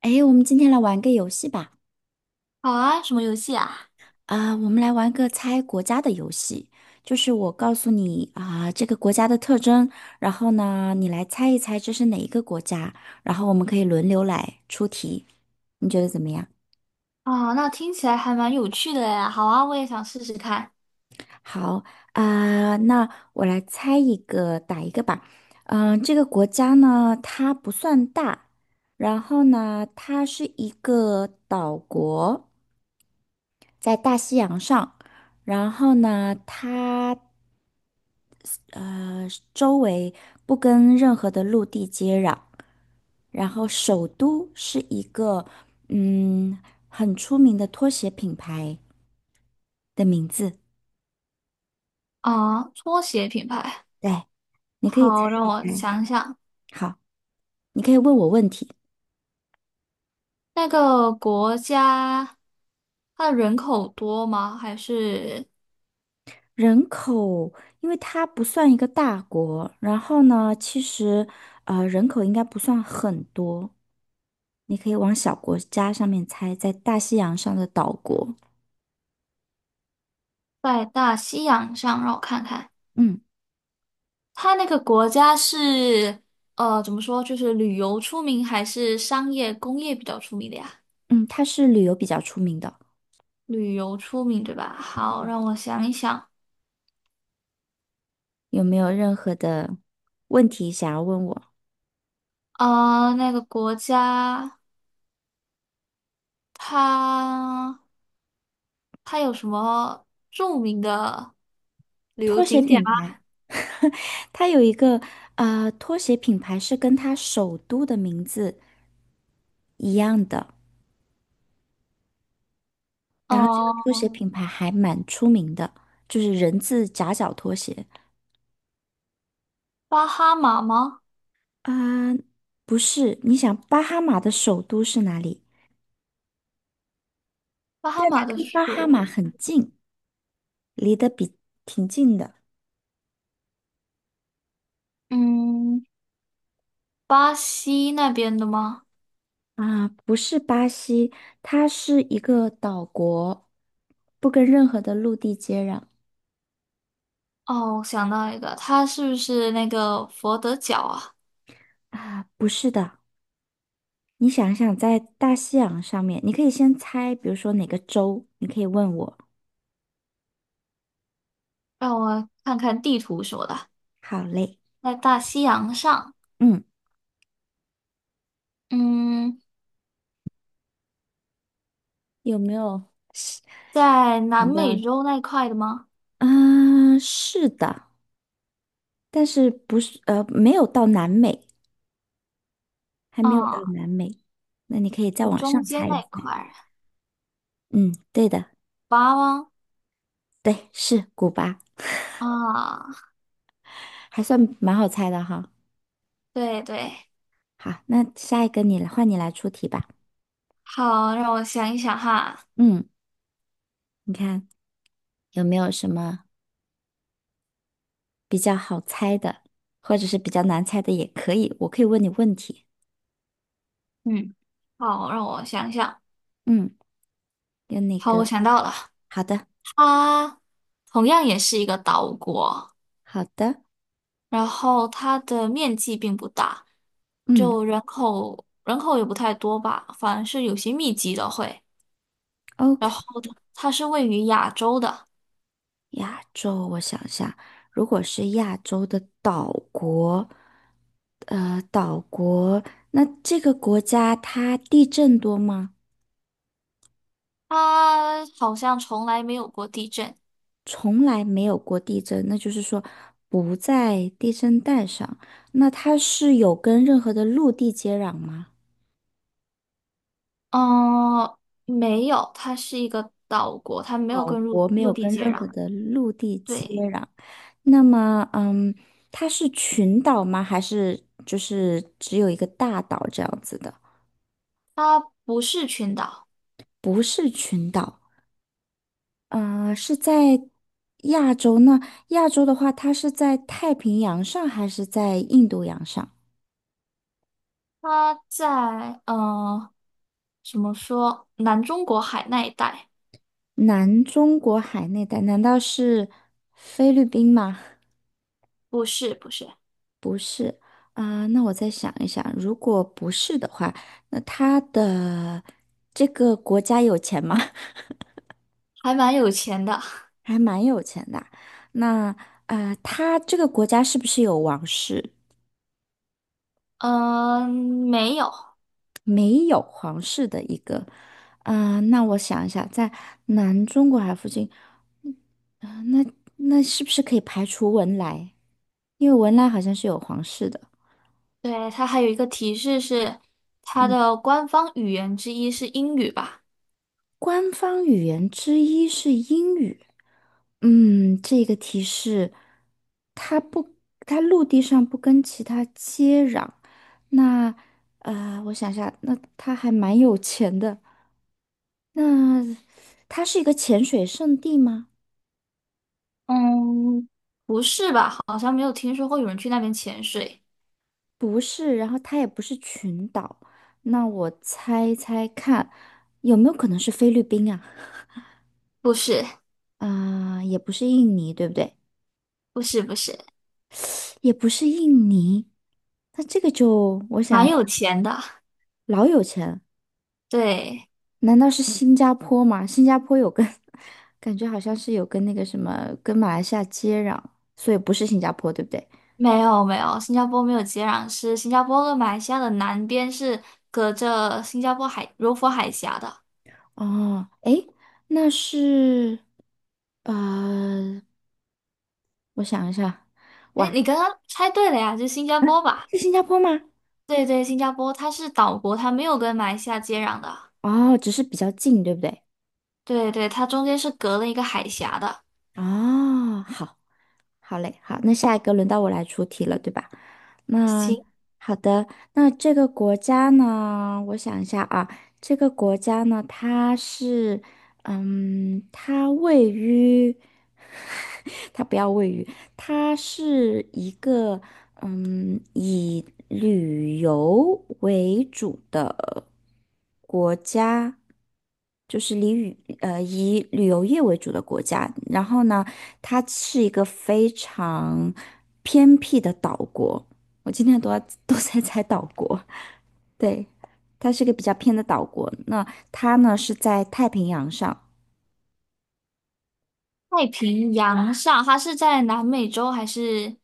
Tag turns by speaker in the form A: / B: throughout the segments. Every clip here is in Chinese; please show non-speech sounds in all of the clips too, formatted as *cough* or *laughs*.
A: 哎，我们今天来玩个游戏吧。
B: 好啊，什么游戏啊？
A: 我们来玩个猜国家的游戏，就是我告诉你这个国家的特征，然后呢，你来猜一猜这是哪一个国家，然后我们可以轮流来出题，你觉得怎么样？
B: 啊，那听起来还蛮有趣的呀。好啊，我也想试试看。
A: 好啊、那我来猜一个，打一个吧。这个国家呢，它不算大，然后呢，它是一个岛国，在大西洋上。然后呢，它呃，周围不跟任何的陆地接壤，然后首都是一个嗯很出名的拖鞋品牌的名字。
B: 啊，拖鞋品牌。
A: 对，你可以猜
B: 好，让
A: 一
B: 我
A: 猜。
B: 想想，
A: 好，你可以问我问题。
B: 那个国家，它的人口多吗？还是
A: 人口，因为它不算一个大国，然后呢，其实人口应该不算很多，你可以往小国家上面猜，在大西洋上的岛国。
B: 在大西洋上？让我看看，
A: 嗯
B: 它那个国家是，怎么说，就是旅游出名，还是商业工业比较出名的呀？
A: 嗯，它是旅游比较出名的。
B: 旅游出名，对吧？好，让我想一想。
A: 有没有任何的问题想要问我？
B: 啊，那个国家，它。它有什么著名的旅游
A: 拖鞋
B: 景点
A: 品
B: 吗？
A: 牌，*laughs* 它有一个拖鞋品牌是跟它首都的名字一样的，然后这个拖
B: 呃，
A: 鞋品牌还蛮出名的，就是人字夹脚拖鞋。
B: 巴哈马吗？
A: 啊、不是，你想巴哈马的首都是哪里？
B: 巴哈马的
A: 跟巴哈
B: 首，
A: 马很近，离得比挺近的。
B: 嗯，巴西那边的吗？
A: 啊，不是巴西，它是一个岛国，不跟任何的陆地接壤。
B: 哦，我想到一个，它是不是那个佛得角啊？
A: 啊，不是的，你想想，在大西洋上面，你可以先猜，比如说哪个州，你可以问我。
B: 让我看看地图什么的，
A: 好嘞，
B: 在大西洋上，
A: 嗯，
B: 嗯，
A: 有没有是
B: 在南
A: 想到，
B: 美洲那块的吗？
A: 啊，是的，但是不是，没有到南美，还没有到
B: 啊，
A: 南美，那你可以再
B: 就
A: 往
B: 中
A: 上
B: 间
A: 猜一
B: 那
A: 猜。
B: 块儿，
A: 嗯，对的，
B: 巴吗？
A: 对，是古巴，
B: 啊，
A: 还算蛮好猜的哈。
B: 对对，
A: 好，那下一个你来，换你来出题吧。
B: 好，让我想一想哈。
A: 嗯，你看有没有什么？比较好猜的，或者是比较难猜的也可以，我可以问你问题。
B: 嗯，好，让我想想。
A: 嗯，跟那
B: 好，
A: 个，
B: 我想到了，
A: 好的，
B: 它同样也是一个岛国，
A: 好的，
B: 然后它的面积并不大，
A: 嗯
B: 就人口也不太多吧，反而是有些密集的会。然
A: ，OK。
B: 后它是位于亚洲的，
A: 亚洲，我想想，如果是亚洲的岛国，岛国，那这个国家它地震多吗？
B: 它好像从来没有过地震。
A: 从来没有过地震，那就是说不在地震带上。那它是有跟任何的陆地接壤吗？
B: 嗯，没有，它是一个岛国，它没有
A: 岛
B: 跟陆
A: 国没有
B: 陆地
A: 跟
B: 接
A: 任何
B: 壤。
A: 的陆地接
B: 对，
A: 壤。那么，嗯，它是群岛吗？还是就是只有一个大岛这样子的？
B: 它不是群岛，
A: 不是群岛，啊，是在亚洲呢？亚洲的话，它是在太平洋上还是在印度洋上？
B: 它在嗯。怎么说？南中国海那一带？
A: 南中国海那带，难道是菲律宾吗？
B: 不是，不是，
A: 那我再想一想，如果不是的话，那它的这个国家有钱吗？*laughs*
B: 还蛮有钱的。
A: 还蛮有钱的啊那他这个国家是不是有王室？
B: 嗯，没有。
A: 没有皇室的一个。那我想一下，在南中国海附近，啊、那那是不是可以排除文莱？因为文莱好像是有皇室的。
B: 对，它还有一个提示是，它的官方语言之一是英语吧？
A: 官方语言之一是英语。嗯，这个提示，它不，它陆地上不跟其他接壤。那，我想一下，那它还蛮有钱的。那它是一个潜水圣地吗？
B: 嗯，不是吧？好像没有听说过有人去那边潜水。
A: 不是，然后它也不是群岛。那我猜猜看，有没有可能是菲律宾啊？
B: 不是，
A: 啊、也不是印尼，对不对？
B: 不是，不是，
A: 也不是印尼。那这个就，我想。
B: 蛮有钱的。
A: 老有钱，
B: 对，
A: 难道是新加坡吗？新加坡有跟，*laughs* 感觉好像是有跟那个什么，跟马来西亚接壤，所以不是新加坡，对不对？
B: 没有，没有，新加坡没有接壤是新加坡跟马来西亚的南边是隔着新加坡海柔佛海峡的。
A: 哦，诶，那是，呃，我想一下，
B: 哎，
A: 哇，
B: 你刚刚猜对了呀，就是新加坡吧？
A: 是新加坡吗？
B: 对对，新加坡它是岛国，它没有跟马来西亚接壤的。
A: 哦，只是比较近，对不对？
B: 对对，它中间是隔了一个海峡的。
A: 哦，好。好嘞，好，那下一个轮到我来出题了，对吧？那
B: 行，
A: 好的，那这个国家呢，我想一下啊，这个国家呢，它是，嗯，它位于，*laughs* 它不要位于，它是一个以旅游为主的国家，就是以旅游业为主的国家。然后呢，它是一个非常偏僻的岛国。我今天都要都在猜岛国，对，它是个比较偏的岛国。那它呢是在太平洋上，
B: 太平洋上，它是在南美洲还是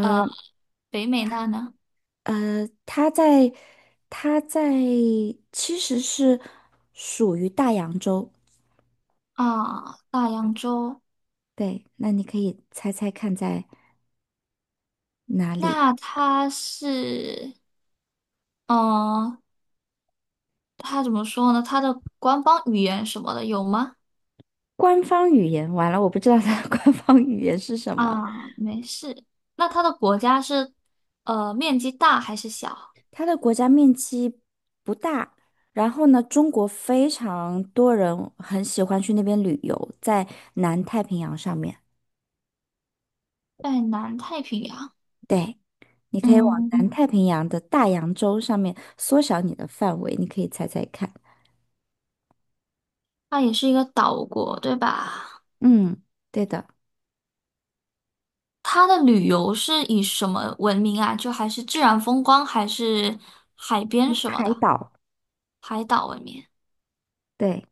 B: 呃北美那呢？
A: 它在它在其实是属于大洋洲。
B: 啊，大洋洲。
A: 对，那你可以猜猜看在哪里？
B: 那它是，嗯、它怎么说呢？它的官方语言什么的有吗？
A: 官方语言，完了，我不知道它的 *laughs* 官方语言是什么。
B: 啊，没事。那它的国家是面积大还是小？
A: 它的国家面积不大，然后呢，中国非常多人很喜欢去那边旅游，在南太平洋上面。
B: 在南太平洋。
A: 对，你可以往南
B: 嗯。
A: 太平洋的大洋洲上面缩小你的范围，你可以猜猜看。
B: 它也是一个岛国，对吧？
A: 嗯，对的，
B: 它的旅游是以什么闻名啊？就还是自然风光，还是海边
A: 嗯
B: 什么
A: 海
B: 的，
A: 岛。
B: 海岛闻名？
A: 对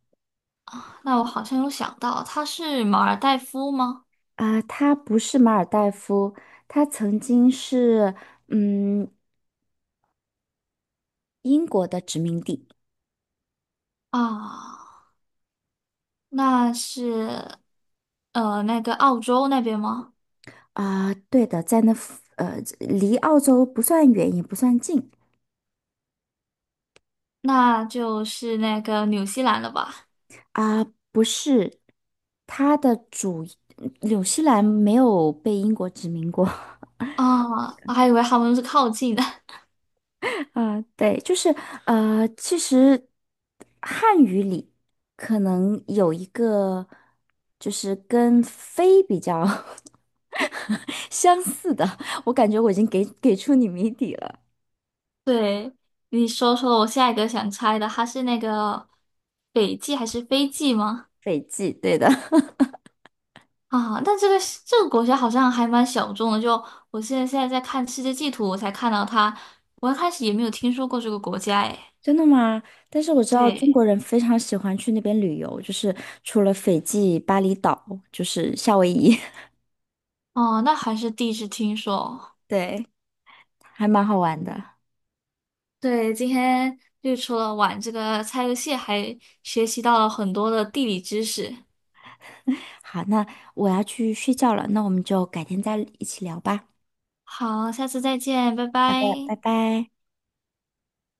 B: 那我好像有想到，它是马尔代夫吗？
A: 啊，它不是马尔代夫，它曾经是嗯英国的殖民地
B: 啊，那是那个澳洲那边吗？
A: 对的，在那附呃，离澳洲不算远，也不算近
B: 那就是那个纽西兰了吧？
A: 啊、不是，它的主纽西兰没有被英国殖民过
B: 啊，我还以为他们是靠近的。*laughs*
A: *laughs* 啊、对，就是其实汉语里可能有一个就是跟非比较 *laughs* 相似的，我感觉我已经给出你谜底了，
B: 对，你说说我下一个想猜的，它是那个北极还是非极吗？
A: 斐济，对的。*laughs*
B: 啊，但这个是这个国家好像还蛮小众的。就我现在在看世界地图，我才看到它。我一开始也没有听说过这个国家，诶。
A: 真的吗？但是我知道中
B: 对，
A: 国人非常喜欢去那边旅游，就是除了斐济、巴厘岛，就是夏威夷，
B: 哦，那还是第一次听说。
A: *laughs* 对，还蛮好玩的。
B: 对，今天就除了玩这个猜游戏，还学习到了很多的地理知识。
A: 好，那我要去睡觉了，那我们就改天再一起聊吧。
B: 好，下次再见，拜
A: 好的，
B: 拜。
A: 拜拜。